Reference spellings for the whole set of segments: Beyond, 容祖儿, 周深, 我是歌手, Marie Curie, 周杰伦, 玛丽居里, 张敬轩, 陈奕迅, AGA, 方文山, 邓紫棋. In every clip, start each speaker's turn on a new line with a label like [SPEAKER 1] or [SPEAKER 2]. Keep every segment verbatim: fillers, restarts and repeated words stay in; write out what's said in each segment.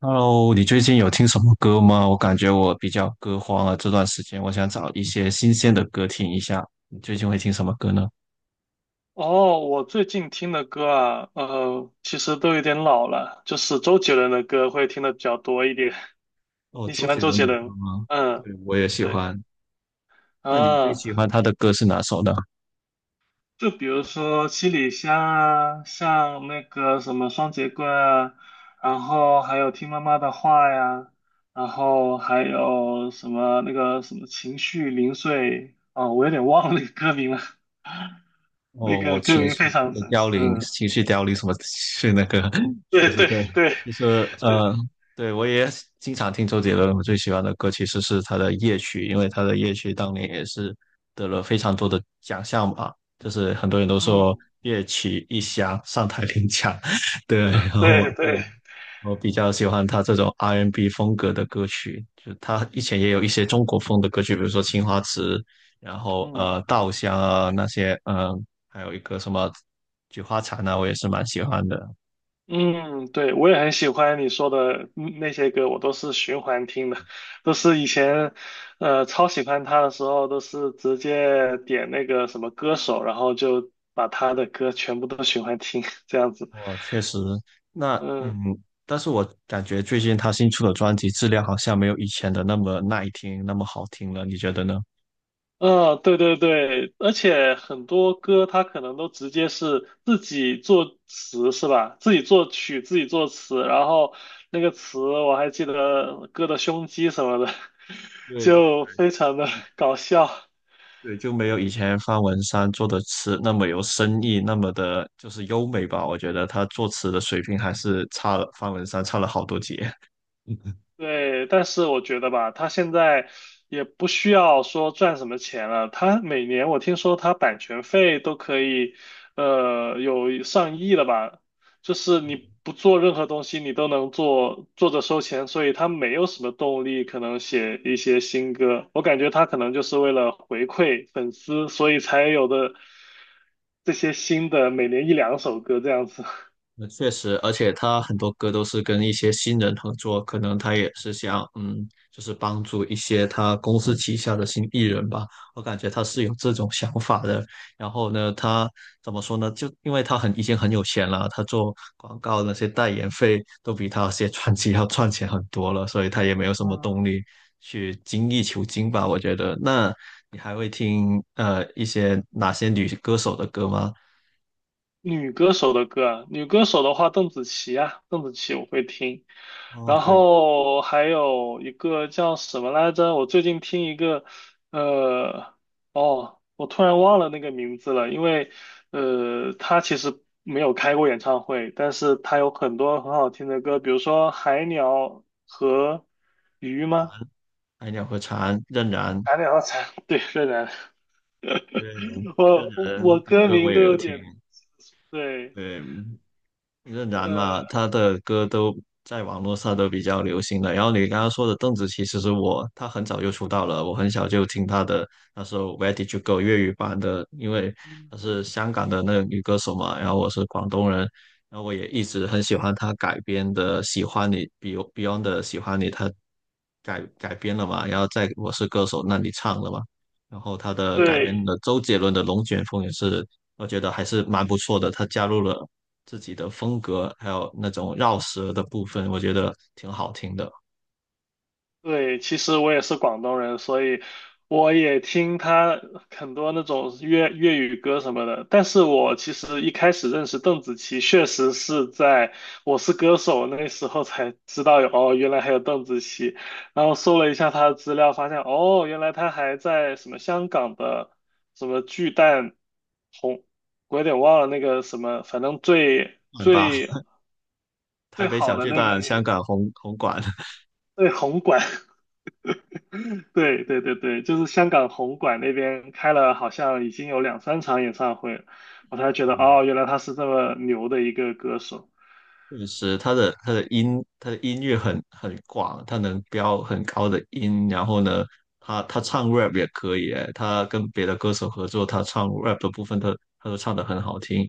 [SPEAKER 1] Hello，你最近有听什么歌吗？我感觉我比较歌荒啊，这段时间我想找一些新鲜的歌听一下。你最近会听什么歌呢？
[SPEAKER 2] 哦，我最近听的歌啊，呃，其实都有点老了，就是周杰伦的歌会听的比较多一点。
[SPEAKER 1] 哦，
[SPEAKER 2] 你喜
[SPEAKER 1] 周
[SPEAKER 2] 欢
[SPEAKER 1] 杰
[SPEAKER 2] 周
[SPEAKER 1] 伦
[SPEAKER 2] 杰
[SPEAKER 1] 的歌
[SPEAKER 2] 伦？
[SPEAKER 1] 吗？
[SPEAKER 2] 嗯，
[SPEAKER 1] 对，我也喜
[SPEAKER 2] 对，
[SPEAKER 1] 欢。那你最
[SPEAKER 2] 啊，
[SPEAKER 1] 喜欢他的歌是哪首呢？
[SPEAKER 2] 就比如说《七里香》啊，像那个什么《双截棍》啊，然后还有《听妈妈的话》呀，然后还有什么那个什么《情绪零碎》啊，我有点忘了那个歌名了，那
[SPEAKER 1] 哦，
[SPEAKER 2] 个
[SPEAKER 1] 我
[SPEAKER 2] 歌
[SPEAKER 1] 情
[SPEAKER 2] 名非
[SPEAKER 1] 绪
[SPEAKER 2] 常
[SPEAKER 1] 的
[SPEAKER 2] 神
[SPEAKER 1] 凋
[SPEAKER 2] 奇。
[SPEAKER 1] 零，
[SPEAKER 2] 嗯，
[SPEAKER 1] 情绪凋零什么是那个，对
[SPEAKER 2] 对
[SPEAKER 1] 对
[SPEAKER 2] 对
[SPEAKER 1] 对，
[SPEAKER 2] 对
[SPEAKER 1] 其实呃，
[SPEAKER 2] 对，
[SPEAKER 1] 对我也经常听周杰伦，我最喜欢的歌其实是他的《夜曲》，因为他的《夜曲》当年也是得了非常多的奖项吧，就是很多人都说
[SPEAKER 2] 嗯，
[SPEAKER 1] 《夜曲》一响上台领奖，对，然后
[SPEAKER 2] 对
[SPEAKER 1] 对
[SPEAKER 2] 对。
[SPEAKER 1] 我比较喜欢他这种 R and B n 风格的歌曲，就他以前也有一些中国风的歌曲，比如说《青花瓷》，然后
[SPEAKER 2] 嗯
[SPEAKER 1] 呃《稻香》啊那些，嗯，还有一个什么《菊花残》啊，我也是蛮喜欢的。
[SPEAKER 2] 嗯，对，我也很喜欢你说的嗯那些歌，我都是循环听的，都是以前呃超喜欢他的时候，都是直接点那个什么歌手，然后就把他的歌全部都循环听，这样子。
[SPEAKER 1] 我确实，那嗯，
[SPEAKER 2] 嗯。
[SPEAKER 1] 但是我感觉最近他新出的专辑质量好像没有以前的那么耐听，那么好听了，你觉得呢？
[SPEAKER 2] 嗯，对对对，而且很多歌它可能都直接是自己作词是吧？自己作曲，自己作词，然后那个词我还记得呃歌的胸肌什么的，
[SPEAKER 1] 对对
[SPEAKER 2] 就非常的搞笑。
[SPEAKER 1] 对，就没有以前方文山做的词那么有深意，那么的就是优美吧。我觉得他作词的水平还是差了，方文山差了好多节。
[SPEAKER 2] 对，但是我觉得吧，他现在也不需要说赚什么钱了。他每年我听说他版权费都可以，呃，有上亿了吧？就是你不做任何东西，你都能做，做着收钱，所以他没有什么动力可能写一些新歌。我感觉他可能就是为了回馈粉丝，所以才有的这些新的每年一两首歌这样子。
[SPEAKER 1] 那确实，而且他很多歌都是跟一些新人合作，可能他也是想，嗯，就是帮助一些他公司旗下的新艺人吧。我感觉他是有这种想法的。然后呢，他怎么说呢？就因为他很已经很有钱了，他做广告那些代言费都比他写专辑要赚钱很多了，所以他也没有什么动
[SPEAKER 2] 嗯，
[SPEAKER 1] 力去精益求精吧。我觉得，那你还会听呃一些哪些女歌手的歌吗？
[SPEAKER 2] 女歌手的歌啊，女歌手的话，邓紫棋啊，邓紫棋我会听，
[SPEAKER 1] 哦，
[SPEAKER 2] 然
[SPEAKER 1] 对，
[SPEAKER 2] 后还有一个叫什么来着？我最近听一个，呃，哦，我突然忘了那个名字了，因为，呃，他其实没有开过演唱会，但是他有很多很好听的歌，比如说《海鸟和鱼》吗？
[SPEAKER 1] 《爱鸟和蝉》、《任然》
[SPEAKER 2] 海鸟和蝉，对，越南，
[SPEAKER 1] 对，这
[SPEAKER 2] 我我我
[SPEAKER 1] 人的
[SPEAKER 2] 歌
[SPEAKER 1] 歌我
[SPEAKER 2] 名都
[SPEAKER 1] 也有
[SPEAKER 2] 有
[SPEAKER 1] 听，
[SPEAKER 2] 点，对，
[SPEAKER 1] 对，嗯任然嘛，
[SPEAKER 2] 呃。
[SPEAKER 1] 他的歌都在网络上都比较流行的。然后你刚刚说的邓紫棋，其实我她很早就出道了，我很小就听她的那首《Where Did You Go》粤语版的，因为
[SPEAKER 2] 嗯。
[SPEAKER 1] 她是香港的那个女歌手嘛，然后我是广东人，然后我也一直很喜欢她改编的《喜欢你》，Be- y o n d Beyond 的《喜欢你》，她改改编了嘛，然后在《我是歌手》那里唱了嘛，然后她的改编
[SPEAKER 2] 对，
[SPEAKER 1] 的周杰伦的《龙卷风》也是。我觉得还是蛮不错的，她加入了自己的风格，还有那种绕舌的部分，我觉得挺好听的，
[SPEAKER 2] 对，其实我也是广东人，所以我也听他很多那种粤粤语歌什么的。但是我其实一开始认识邓紫棋，确实是在《我是歌手》那时候才知道有，哦，原来还有邓紫棋。然后搜了一下她的资料，发现哦，原来她还在什么香港的什么巨蛋红，我有点忘了那个什么，反正最
[SPEAKER 1] 很棒。
[SPEAKER 2] 最
[SPEAKER 1] 台
[SPEAKER 2] 最
[SPEAKER 1] 北
[SPEAKER 2] 好
[SPEAKER 1] 小
[SPEAKER 2] 的
[SPEAKER 1] 巨
[SPEAKER 2] 那个
[SPEAKER 1] 蛋、香港红红馆，
[SPEAKER 2] 最红馆对对对对，就是香港红馆那边开了，好像已经有两三场演唱会了我才觉得哦，原来他是这么牛的一个歌手。
[SPEAKER 1] 确实，他的他的音他的音域很很广，他能飙很高的音，然后呢，他他唱 rap 也可以诶，他跟别的歌手合作，他唱 rap 的部分他他都唱得很好听，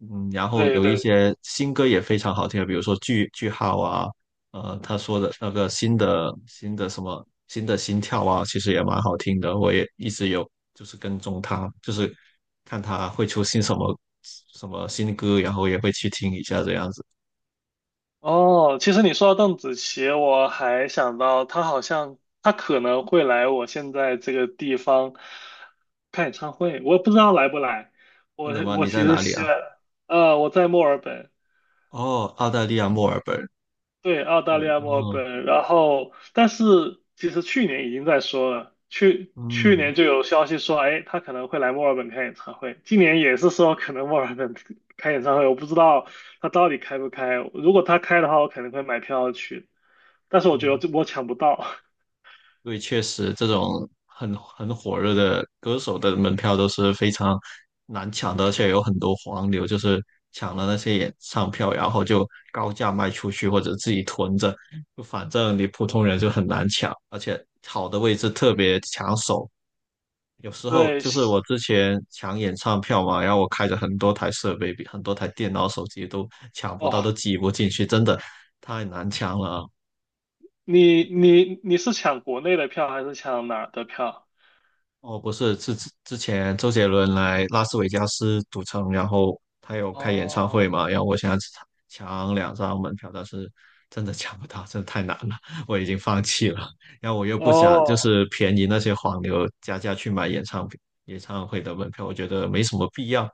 [SPEAKER 1] 嗯，然后
[SPEAKER 2] 对
[SPEAKER 1] 有一
[SPEAKER 2] 对，
[SPEAKER 1] 些新歌也非常好听，比如说句句号啊，呃，他说的那个新的新的什么新的心跳啊，其实也蛮好听的，我也一直有就是跟踪他，就是看他会出新什么什么新歌，然后也会去听一下这样子。
[SPEAKER 2] 哦，其实你说到邓紫棋，我还想到她好像她可能会来我现在这个地方看演唱会，我不知道来不来。
[SPEAKER 1] 真
[SPEAKER 2] 我
[SPEAKER 1] 的吗？
[SPEAKER 2] 我
[SPEAKER 1] 你
[SPEAKER 2] 其
[SPEAKER 1] 在
[SPEAKER 2] 实
[SPEAKER 1] 哪里
[SPEAKER 2] 希
[SPEAKER 1] 啊？
[SPEAKER 2] 望，呃，我在墨尔本，
[SPEAKER 1] 哦，澳大利亚墨尔本。
[SPEAKER 2] 对，澳大利
[SPEAKER 1] 对，
[SPEAKER 2] 亚墨尔
[SPEAKER 1] 哦，
[SPEAKER 2] 本，然后但是其实去年已经在说了，去去
[SPEAKER 1] 嗯
[SPEAKER 2] 年就有消息说，哎，他可能会来墨尔本开演唱会，今年也是说可能墨尔本 开演唱会，我不知道他到底开不开，如果他开的话，我肯定会买票去，但是我觉
[SPEAKER 1] 嗯，
[SPEAKER 2] 得我抢不到。
[SPEAKER 1] 对，确实这种很很火热的歌手的门票都是非常难抢的，而且有很多黄牛，就是抢了那些演唱票，然后就高价卖出去或者自己囤着，就反正你普通人就很难抢，而且好的位置特别抢手，有 时候
[SPEAKER 2] 对，
[SPEAKER 1] 就是
[SPEAKER 2] 是
[SPEAKER 1] 我之前抢演唱票嘛，然后我开着很多台设备，比很多台电脑、手机都抢不到，都
[SPEAKER 2] 哦，
[SPEAKER 1] 挤不进去，真的太难抢了。
[SPEAKER 2] 你你你是抢国内的票还是抢哪儿的票？
[SPEAKER 1] 哦，不是，是之之前周杰伦来拉斯维加斯赌城，然后他有开演唱会
[SPEAKER 2] 哦
[SPEAKER 1] 嘛，然后我想抢两张门票，但是真的抢不到，真的太难了，我已经放弃了。然后我又不想就
[SPEAKER 2] 哦
[SPEAKER 1] 是便宜那些黄牛加价去买演唱演唱会的门票，我觉得没什么必要。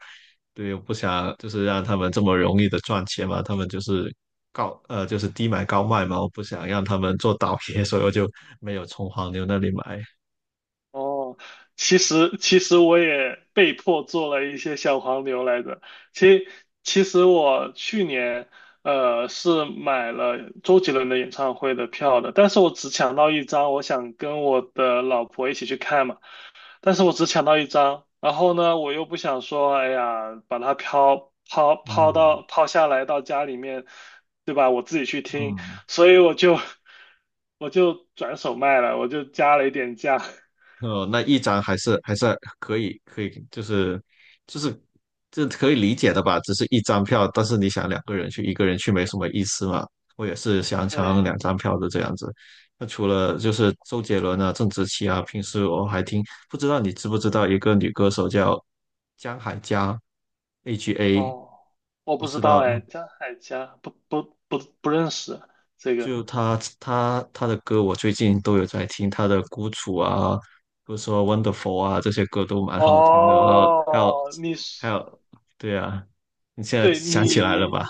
[SPEAKER 1] 对，我不想就是让他们这么容易的赚钱嘛，他们就是高呃就是低买高卖嘛，我不想让他们做倒 爷，所以我就没有从黄牛那里买。
[SPEAKER 2] 哦，其实其实我也被迫做了一些小黄牛来着。其其实我去年呃是买了周杰伦的演唱会的票的，但是我只抢到一张，我想跟我的老婆一起去看嘛，但是我只抢到一张，然后呢，我又不想说，哎呀，把它抛抛抛
[SPEAKER 1] 嗯，
[SPEAKER 2] 到抛下来到家里面，对吧？我自己去听，
[SPEAKER 1] 嗯。
[SPEAKER 2] 所以我就 我就转手卖了，我就加了一点价。
[SPEAKER 1] 呃，那一张还是还是可以，可以，就是就是这可以理解的吧？只是一张票，但是你想两个人去，一个人去没什么意思嘛。我也是想抢
[SPEAKER 2] 对，
[SPEAKER 1] 两张票的这样子。那除了就是周杰伦啊、郑智棋啊，平时我还听，不知道你知不知道一个女歌手叫江海佳 h A，
[SPEAKER 2] 哦，我
[SPEAKER 1] 你
[SPEAKER 2] 不知
[SPEAKER 1] 知
[SPEAKER 2] 道
[SPEAKER 1] 道？
[SPEAKER 2] 哎，张海佳不不不不认识这个。
[SPEAKER 1] 就他他他的歌，我最近都有在听，他的《孤楚》啊，比如说《Wonderful》啊，这些歌都蛮好听的。然后还有
[SPEAKER 2] 哦，你
[SPEAKER 1] 还
[SPEAKER 2] 是
[SPEAKER 1] 有，对啊，你现在
[SPEAKER 2] 对
[SPEAKER 1] 想起来了吧
[SPEAKER 2] 你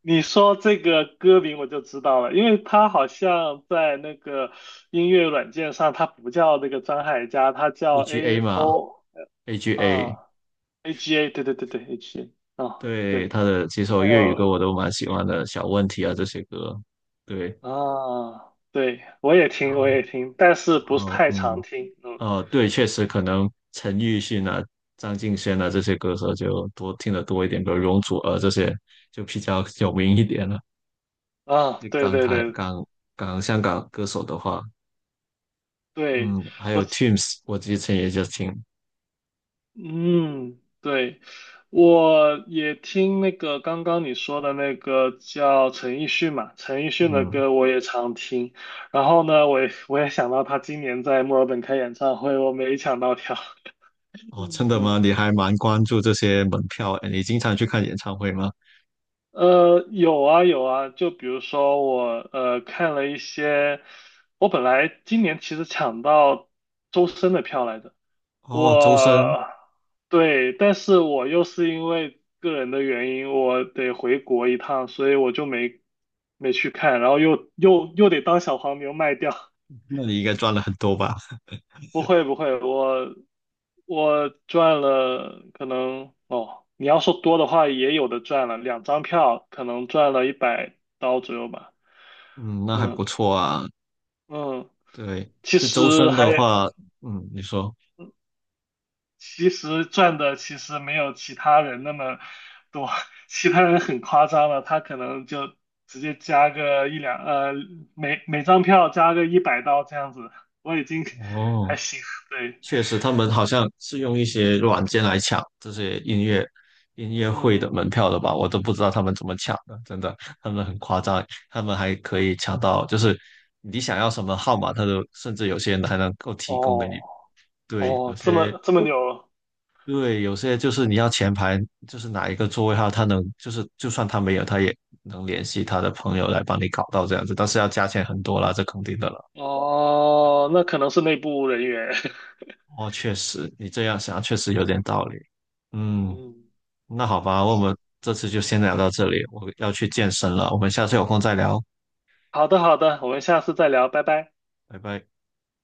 [SPEAKER 2] 你说这个歌名我就知道了，因为他好像在那个音乐软件上，他不叫那个张海佳，他叫
[SPEAKER 1] ？A G A
[SPEAKER 2] A
[SPEAKER 1] 嘛
[SPEAKER 2] O
[SPEAKER 1] ，A G A，
[SPEAKER 2] 啊 A G A，对对对对 A G A 啊，
[SPEAKER 1] 对
[SPEAKER 2] 对，
[SPEAKER 1] 他的几首
[SPEAKER 2] 还
[SPEAKER 1] 粤语歌我
[SPEAKER 2] 有
[SPEAKER 1] 都蛮喜欢的，《小问题》啊这些歌，对。
[SPEAKER 2] 啊，对我也
[SPEAKER 1] 然
[SPEAKER 2] 听我
[SPEAKER 1] 后
[SPEAKER 2] 也听，但是
[SPEAKER 1] 然
[SPEAKER 2] 不是
[SPEAKER 1] 后
[SPEAKER 2] 太常
[SPEAKER 1] 嗯
[SPEAKER 2] 听，嗯。
[SPEAKER 1] 呃，对，确实可能陈奕迅啊、张敬轩啊这些歌手就多听得多一点，比如容祖儿这些就比较有名一点了。
[SPEAKER 2] 啊，
[SPEAKER 1] 你
[SPEAKER 2] 对
[SPEAKER 1] 港
[SPEAKER 2] 对
[SPEAKER 1] 台、
[SPEAKER 2] 对，
[SPEAKER 1] 港港香港歌手的话，
[SPEAKER 2] 对，
[SPEAKER 1] 嗯，还
[SPEAKER 2] 我，
[SPEAKER 1] 有 Teams，我之前也就听，
[SPEAKER 2] 嗯，对，我也听那个刚刚你说的那个叫陈奕迅嘛，陈奕迅的
[SPEAKER 1] 嗯，
[SPEAKER 2] 歌我也常听。然后呢，我也我也想到他今年在墨尔本开演唱会，我没抢到票。
[SPEAKER 1] 哦，
[SPEAKER 2] 嗯，
[SPEAKER 1] 真的
[SPEAKER 2] 嗯
[SPEAKER 1] 吗？你还蛮关注这些门票，哎，你经常去看演唱会吗？
[SPEAKER 2] 呃，有啊有啊，就比如说我呃看了一些，我本来今年其实抢到周深的票来着。
[SPEAKER 1] 哦，周深，
[SPEAKER 2] 我对，但是我又是因为个人的原因，我得回国一趟，所以我就没没去看，然后又又又得当小黄牛卖掉。
[SPEAKER 1] 那你应该赚了很多吧？
[SPEAKER 2] 不会不会，我我赚了，可能哦，你要说多的话，也有的赚了，两张票可能赚了一百刀左右吧。
[SPEAKER 1] 嗯，那还不
[SPEAKER 2] 嗯
[SPEAKER 1] 错啊。
[SPEAKER 2] 嗯，
[SPEAKER 1] 对，
[SPEAKER 2] 其
[SPEAKER 1] 这周
[SPEAKER 2] 实
[SPEAKER 1] 深
[SPEAKER 2] 还
[SPEAKER 1] 的话，嗯，你说，
[SPEAKER 2] 其实赚的其实没有其他人那么多，其他人很夸张了，他可能就直接加个一两，呃，每每张票加个一百刀这样子，我已经 还
[SPEAKER 1] 哦。
[SPEAKER 2] 行，对，
[SPEAKER 1] 确实，他们好像是用一些软件来抢这些音乐音乐会的
[SPEAKER 2] 嗯，
[SPEAKER 1] 门票的吧？我都不知道他们怎么抢的，真的，他们很夸张，他们还可以抢到，就是你想要什么号码，他都甚至有些人还能够提供给你。
[SPEAKER 2] 哦
[SPEAKER 1] 对，有
[SPEAKER 2] 哦，这
[SPEAKER 1] 些
[SPEAKER 2] 么这么牛，
[SPEAKER 1] 对，有些就是你要前排，就是哪一个座位号，他能就是就算他没有，他也能联系他的朋友来帮你搞到这样子，但是要加钱很多啦，这肯定的了。
[SPEAKER 2] 哦，那可能是内部人员，
[SPEAKER 1] 哦，确实，你这样想确实有点道理。嗯。
[SPEAKER 2] 嗯，
[SPEAKER 1] 那好吧，我们这次就先聊到这里，我要去健身了，我们下次有空再聊，
[SPEAKER 2] 好的好的，我们下次再聊，拜拜。
[SPEAKER 1] 拜拜。